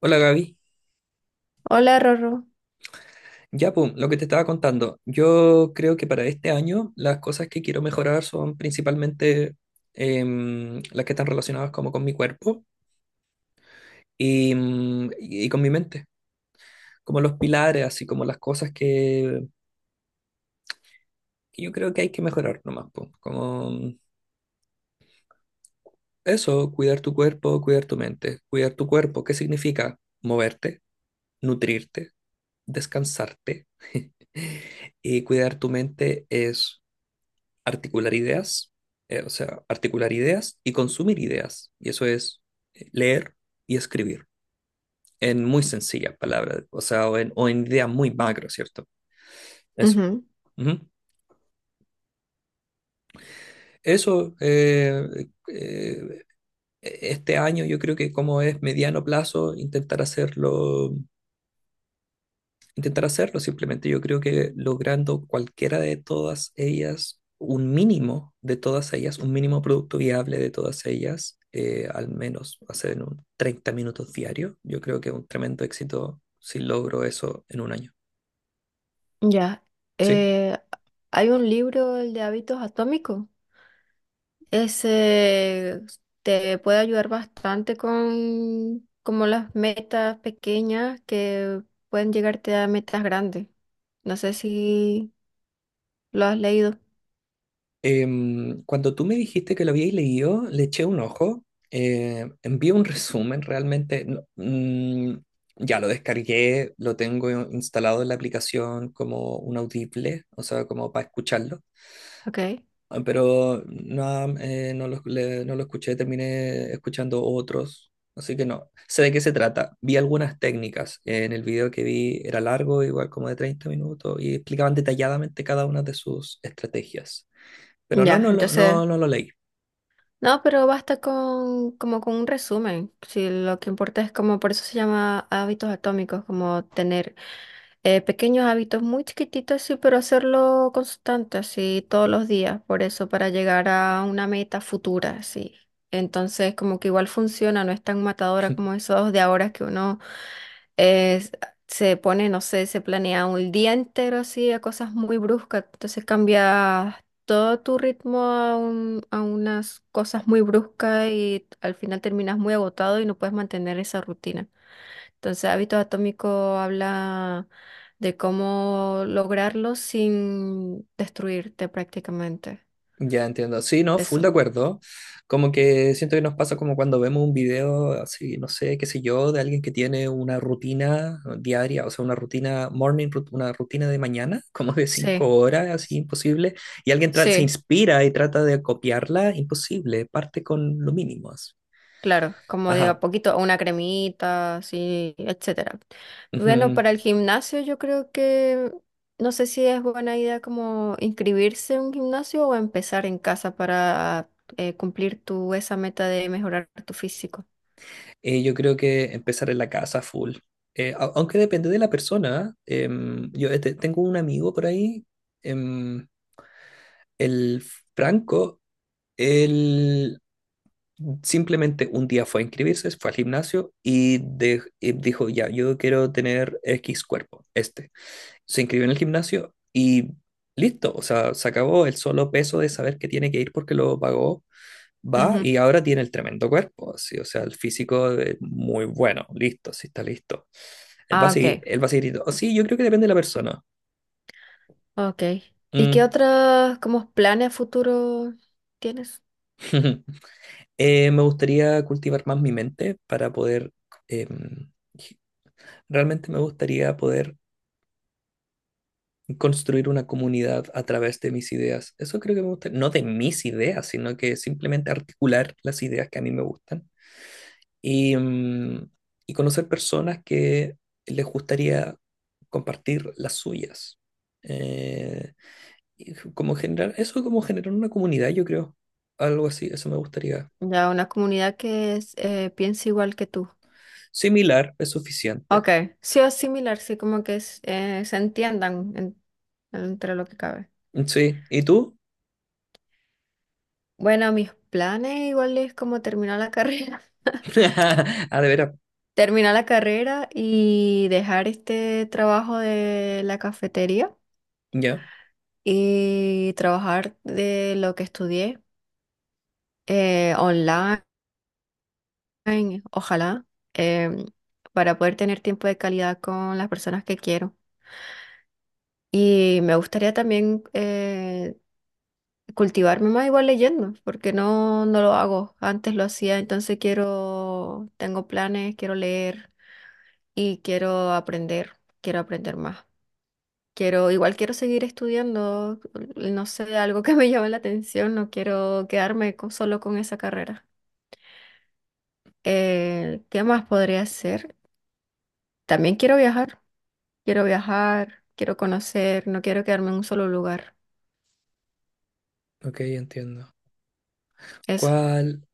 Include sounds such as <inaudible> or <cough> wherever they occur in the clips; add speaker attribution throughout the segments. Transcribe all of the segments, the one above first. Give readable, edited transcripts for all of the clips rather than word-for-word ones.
Speaker 1: Hola Gaby.
Speaker 2: Hola, Rorro.
Speaker 1: Ya, pum, lo que te estaba contando. Yo creo que para este año las cosas que quiero mejorar son principalmente las que están relacionadas como con mi cuerpo y, y con mi mente, como los pilares, así como las cosas que yo creo que hay que mejorar nomás, pum. Como eso, cuidar tu cuerpo, cuidar tu mente. Cuidar tu cuerpo, ¿qué significa? Moverte, nutrirte, descansarte. <laughs> Y cuidar tu mente es articular ideas, o sea, articular ideas y consumir ideas. Y eso es leer y escribir, en muy sencillas palabras, o sea, o en ideas muy macro, ¿cierto? Eso.
Speaker 2: Ujú,
Speaker 1: Ujú. Eso, eh, eh, este año yo creo que como es mediano plazo, intentar hacerlo. Simplemente yo creo que logrando cualquiera de todas ellas, un mínimo de todas ellas, un mínimo producto viable de todas ellas, al menos hacer en un 30 minutos diario, yo creo que es un tremendo éxito si logro eso en 1 año.
Speaker 2: ya.
Speaker 1: Sí.
Speaker 2: Eh, Hay un libro, el de hábitos atómicos. Ese te puede ayudar bastante con como las metas pequeñas que pueden llegarte a metas grandes. No sé si lo has leído.
Speaker 1: Cuando tú me dijiste que lo habíais leído, le eché un ojo, envié un <laughs> resumen, realmente no- mm, ya lo descargué, lo tengo instalado en la aplicación como un audible, o sea, como para escucharlo.
Speaker 2: Ok.
Speaker 1: Ah, pero no, no lo escuché, terminé escuchando otros, así que no. Sé de qué se trata. Vi algunas técnicas. En el video que vi era largo, igual como de 30 minutos, y explicaban detalladamente cada una de sus estrategias. Pero
Speaker 2: Ya, entonces,
Speaker 1: no lo leí.
Speaker 2: no, pero basta con como con un resumen. Si lo que importa es como, por eso se llama hábitos atómicos, como tener pequeños hábitos muy chiquititos, sí, pero hacerlo constante, así todos los días, por eso, para llegar a una meta futura, sí. Entonces, como que igual funciona, no es tan matadora
Speaker 1: <laughs>
Speaker 2: como esos de ahora que uno eh, se pone, no sé, se planea un día entero así a cosas muy bruscas, entonces cambia todo tu ritmo a, a unas cosas muy bruscas y al final terminas muy agotado y no puedes mantener esa rutina. Entonces, hábito atómico habla de cómo lograrlo sin destruirte prácticamente.
Speaker 1: Ya entiendo. Sí, no, full de
Speaker 2: Eso.
Speaker 1: acuerdo. Como que siento que nos pasa como cuando vemos un video así, no sé, qué sé yo, de alguien que tiene una rutina diaria, o sea, una rutina morning, una rutina de mañana, <laughs> como de
Speaker 2: Sí,
Speaker 1: 5 horas, así imposible, y alguien se
Speaker 2: sí,
Speaker 1: inspira y trata de copiarla, imposible, parte con lo mínimo. Así.
Speaker 2: claro. Como de a
Speaker 1: Ajá.
Speaker 2: poquito, una cremita, sí, etcétera. Bueno,
Speaker 1: Ujú.
Speaker 2: para el gimnasio yo creo que no sé si es buena idea como inscribirse en un gimnasio o empezar en casa para cumplir tu esa meta de mejorar tu físico.
Speaker 1: Yo creo que empezar en la casa full. Aunque depende de la persona. Tengo un amigo por ahí. em, el Franco. Él simplemente un día fue a inscribirse, fue al gimnasio y dijo, ya, yo quiero tener X cuerpo, este. Se inscribió en el gimnasio y listo, o sea, se acabó el solo peso de saber que tiene que ir porque lo pagó, va
Speaker 2: Ujú.
Speaker 1: y ahora tiene el tremendo cuerpo, así, o sea, el físico es muy bueno, listo, sí está listo.
Speaker 2: Ah, ok.
Speaker 1: Él va a seguir yendo. Oh, sí, yo creo que depende de la persona.
Speaker 2: Ok. ¿Y qué
Speaker 1: Mm.
Speaker 2: otros como planes a futuro tienes?
Speaker 1: <laughs> Me gustaría cultivar más mi mente para poder... em, Realmente me gustaría poder construir una comunidad a través de mis ideas. Eso creo que me gusta, no de mis ideas, sino que simplemente articular las ideas que a mí me gustan y, mm, y conocer personas que les gustaría compartir las suyas. Eh, y como generar, eso como generar una comunidad, yo creo. Algo así, eso me gustaría.
Speaker 2: Ya una comunidad que es, piense igual que tú.
Speaker 1: Similar es suficiente.
Speaker 2: Ok. Sí o similar, sí, como que se entiendan entre lo que cabe.
Speaker 1: Sí, ¿y tú?
Speaker 2: Bueno, mis planes igual es como terminar la carrera. <laughs>
Speaker 1: <laughs> Ah, de veras.
Speaker 2: Terminar la carrera y dejar este trabajo de la cafetería
Speaker 1: Ya,
Speaker 2: y trabajar de lo que estudié online. Ay, ojalá. em, para poder tener tiempo de calidad con las personas que quiero. Y me gustaría también cultivarme más igual leyendo, porque no, no lo hago. Antes lo hacía, entonces quiero, tengo planes, quiero leer y quiero aprender más. Quiero, igual quiero seguir estudiando, no sé, algo que me llame la atención, no quiero solo con esa carrera. ¿qué más podría hacer? También quiero viajar. Quiero viajar, quiero conocer, no quiero quedarme en un solo lugar.
Speaker 1: ok, entiendo.
Speaker 2: Eso.
Speaker 1: ¿Cuál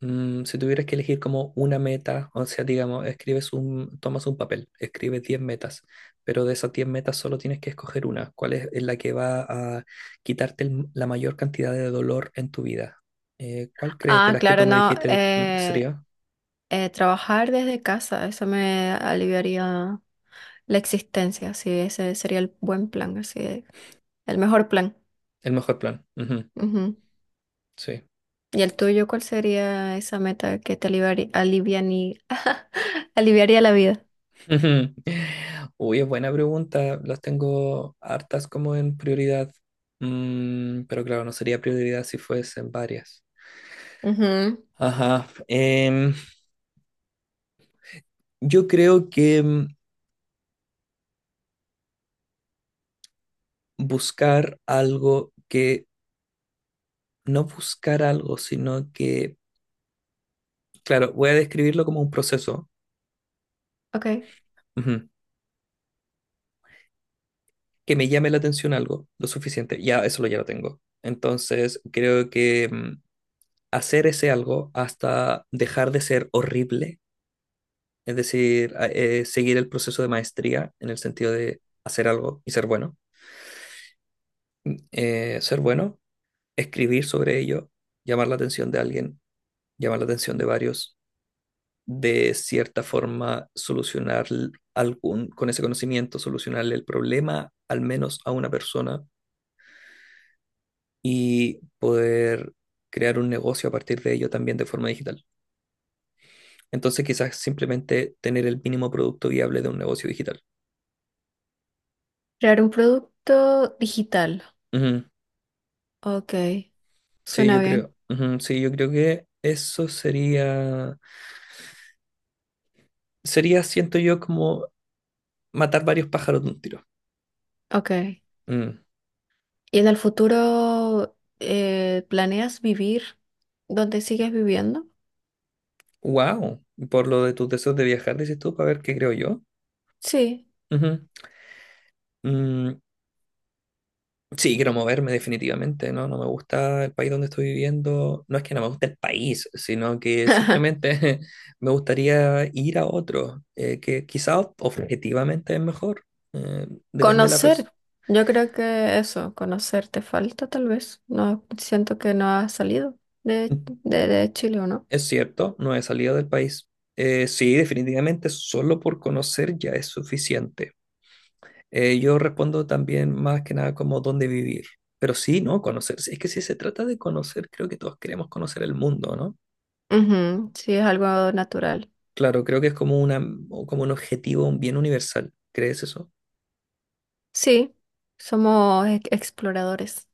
Speaker 1: Si tuvieras que elegir como una meta, o sea, digamos, tomas un papel, escribes 10 metas, pero de esas 10 metas solo tienes que escoger una? ¿Cuál es la que va a la mayor cantidad de dolor en tu vida? ¿Cuál crees de
Speaker 2: Ah,
Speaker 1: las que tú
Speaker 2: claro,
Speaker 1: me
Speaker 2: no.
Speaker 1: dijiste sería
Speaker 2: Trabajar desde casa, eso me aliviaría la existencia. Sí, ese sería el buen plan, así, el mejor plan.
Speaker 1: el mejor plan? Ujú,
Speaker 2: Ujú.
Speaker 1: sí.
Speaker 2: ¿Y el tuyo, cuál sería esa meta que te aliviaría, <laughs> aliviaría la vida?
Speaker 1: <laughs> Ujú. Uy, es buena pregunta. Las tengo hartas como en prioridad. Mm, pero claro, no sería prioridad si fuesen varias.
Speaker 2: Ujú.
Speaker 1: Ajá. Yo creo que buscar algo que, no buscar algo, sino que, claro, voy a describirlo como un proceso,
Speaker 2: Ok.
Speaker 1: ujú, que me llame la atención algo, lo suficiente, ya lo tengo. Entonces, creo que hacer ese algo hasta dejar de ser horrible, es decir, seguir el proceso de maestría en el sentido de hacer algo y ser bueno. Ser bueno, escribir sobre ello, llamar la atención de alguien, llamar la atención de varios, de cierta forma solucionar con ese conocimiento, solucionarle el problema al menos a una persona y poder crear un negocio a partir de ello también de forma digital. Entonces quizás simplemente tener el mínimo producto viable de un negocio digital.
Speaker 2: Crear un producto digital.
Speaker 1: Ujú,
Speaker 2: Ok.
Speaker 1: sí,
Speaker 2: Suena
Speaker 1: yo
Speaker 2: bien.
Speaker 1: creo. Ujú, sí, yo creo que sería, siento yo, como matar varios pájaros de un tiro.
Speaker 2: Ok. ¿Y en el futuro planeas vivir donde sigues viviendo?
Speaker 1: Wow, por lo de tus deseos de viajar, dices tú, para ver qué creo yo.
Speaker 2: Sí.
Speaker 1: Ujú. Mm, sí, quiero moverme definitivamente, ¿no? No me gusta el país donde estoy viviendo. No es que no me guste el país, sino que
Speaker 2: <laughs>
Speaker 1: simplemente <laughs> me gustaría ir a otro, que quizás objetivamente es mejor. eh, Depende de la persona.
Speaker 2: Conocer. Yo creo que eso, conocer te falta tal vez. No siento que no has salido de, de Chile, ¿o no?
Speaker 1: Es cierto, no he salido del país. Sí, definitivamente solo por conocer ya es suficiente. Yo respondo también más que nada como dónde vivir. Pero sí, ¿no? Conocer. Es que si se trata de conocer, creo que todos queremos conocer el mundo, ¿no?
Speaker 2: Ujú, sí, es algo natural.
Speaker 1: Claro, creo que es como una, o como un objetivo bien universal. ¿Crees eso?
Speaker 2: Sí, somos exploradores.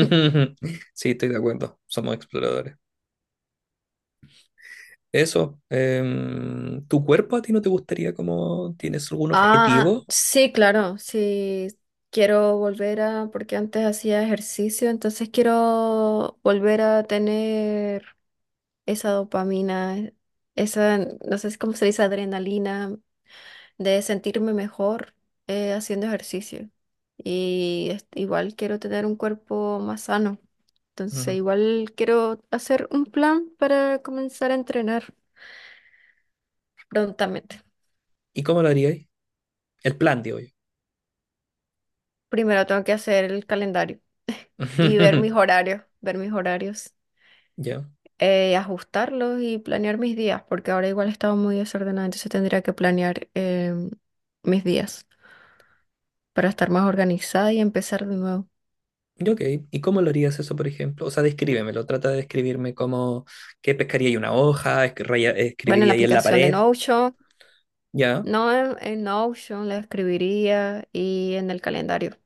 Speaker 2: <laughs>
Speaker 1: Sí, estoy de acuerdo. Somos exploradores. Eso, ¿tu cuerpo a ti no te gustaría, como, tienes algún
Speaker 2: Ah,
Speaker 1: objetivo?
Speaker 2: sí, claro, sí. Quiero volver a, porque antes hacía ejercicio, entonces quiero volver a tener esa dopamina, esa, no sé cómo se dice, adrenalina de sentirme mejor haciendo ejercicio. Y este, igual quiero tener un cuerpo más sano. Entonces,
Speaker 1: Ujú.
Speaker 2: igual quiero hacer un plan para comenzar a entrenar prontamente.
Speaker 1: ¿Y cómo lo harías? El plan, digo yo.
Speaker 2: Primero tengo que hacer el calendario y
Speaker 1: <laughs>
Speaker 2: ver mis horarios,
Speaker 1: Ya.
Speaker 2: ajustarlos y planear mis días, porque ahora igual he estado muy desordenada, entonces tendría que planear mis días, para estar más organizada y empezar de nuevo.
Speaker 1: Ya, ok. ¿Y cómo lo harías eso, por ejemplo? O sea, descríbemelo. Trata de describirme como que pescaría ahí una hoja,
Speaker 2: Bueno, en
Speaker 1: escribiría
Speaker 2: la
Speaker 1: ahí en la
Speaker 2: aplicación de
Speaker 1: pared.
Speaker 2: Notion,
Speaker 1: Ya.
Speaker 2: no en, en Notion la escribiría y en el calendario.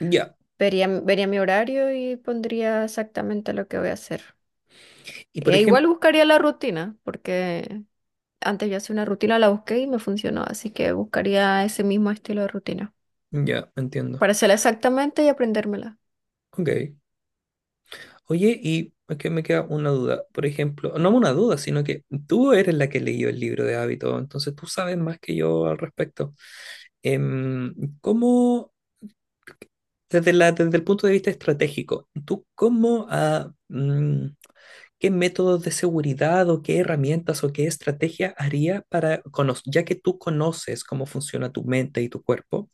Speaker 1: Ya.
Speaker 2: Vería mi horario y pondría exactamente lo que voy a hacer.
Speaker 1: Y por
Speaker 2: E igual
Speaker 1: ejemplo,
Speaker 2: buscaría la rutina, porque antes yo hacía una rutina, la busqué y me funcionó, así que buscaría ese mismo estilo de rutina
Speaker 1: ya, entiendo.
Speaker 2: para hacerla exactamente y aprendérmela.
Speaker 1: Ok. Oye, y es que me queda una duda, por ejemplo, no una duda, sino que tú eres la que leyó el libro de hábito, entonces tú sabes más que yo al respecto. Em, ¿Cómo, desde el punto de vista estratégico, tú qué métodos de seguridad o qué herramientas o qué estrategia haría para, ya que tú conoces cómo funciona tu mente y tu cuerpo,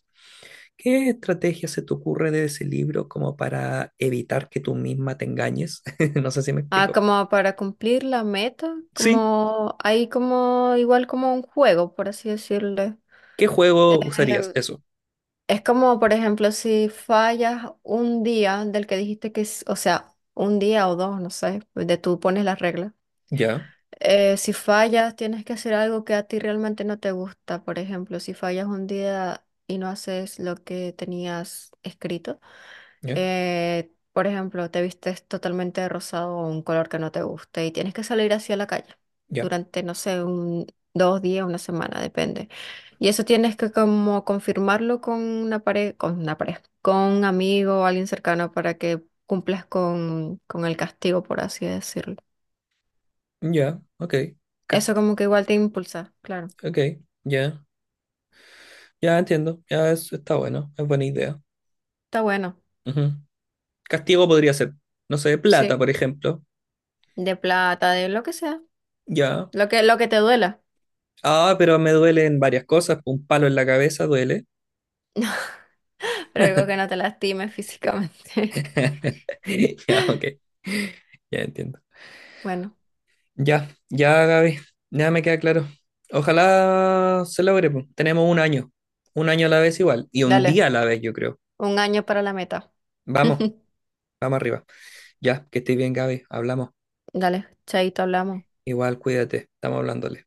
Speaker 1: qué estrategia se te ocurre de ese libro como para evitar que tú misma te engañes? <laughs> No sé si me
Speaker 2: Ah,
Speaker 1: explico.
Speaker 2: como para cumplir la meta,
Speaker 1: Sí,
Speaker 2: como ahí como igual como un juego, por así decirlo.
Speaker 1: ¿qué juego usarías? Eso.
Speaker 2: Es como, por ejemplo, si fallas un día del que dijiste que, o sea, un día o dos, no sé, de tú pones las reglas.
Speaker 1: Ya,
Speaker 2: Si fallas, tienes que hacer algo que a ti realmente no te gusta. Por ejemplo, si fallas un día y no haces lo que tenías escrito,
Speaker 1: ya,
Speaker 2: por ejemplo, te vistes totalmente de rosado o un color que no te guste y tienes que salir así a la calle
Speaker 1: ya,
Speaker 2: durante, no sé, un, dos días, una semana, depende. Y eso tienes que como confirmarlo con una pareja, con un amigo o alguien cercano para que cumplas con el castigo, por así decirlo.
Speaker 1: ya, ok.
Speaker 2: Eso
Speaker 1: Cast-
Speaker 2: como que igual te impulsa, claro.
Speaker 1: ok, ya, ya entiendo. Está bueno, es buena idea.
Speaker 2: Está bueno,
Speaker 1: Ujú. Castigo podría ser, no sé, plata,
Speaker 2: sí.
Speaker 1: por ejemplo.
Speaker 2: De plata, de lo que sea.
Speaker 1: Ya.
Speaker 2: Lo que te duela.
Speaker 1: Ah, pero me duelen varias cosas. Un palo en la cabeza duele.
Speaker 2: <laughs> Pero algo que no te lastime físicamente. <laughs>
Speaker 1: <laughs> Ya, ok. Ya entiendo.
Speaker 2: Bueno,
Speaker 1: Ya, ya, Gaby. Ya me queda claro. Ojalá se logre, po. Tenemos 1 año. 1 año a la vez igual. Y un día a
Speaker 2: dale.
Speaker 1: la vez, yo creo.
Speaker 2: Un año para la meta.
Speaker 1: Vamos.
Speaker 2: <laughs>
Speaker 1: Vamos arriba. Ya, que estés bien, Gaby. Hablamos.
Speaker 2: Dale, chaito, hablamos.
Speaker 1: Igual, cuídate. Estamos hablándole.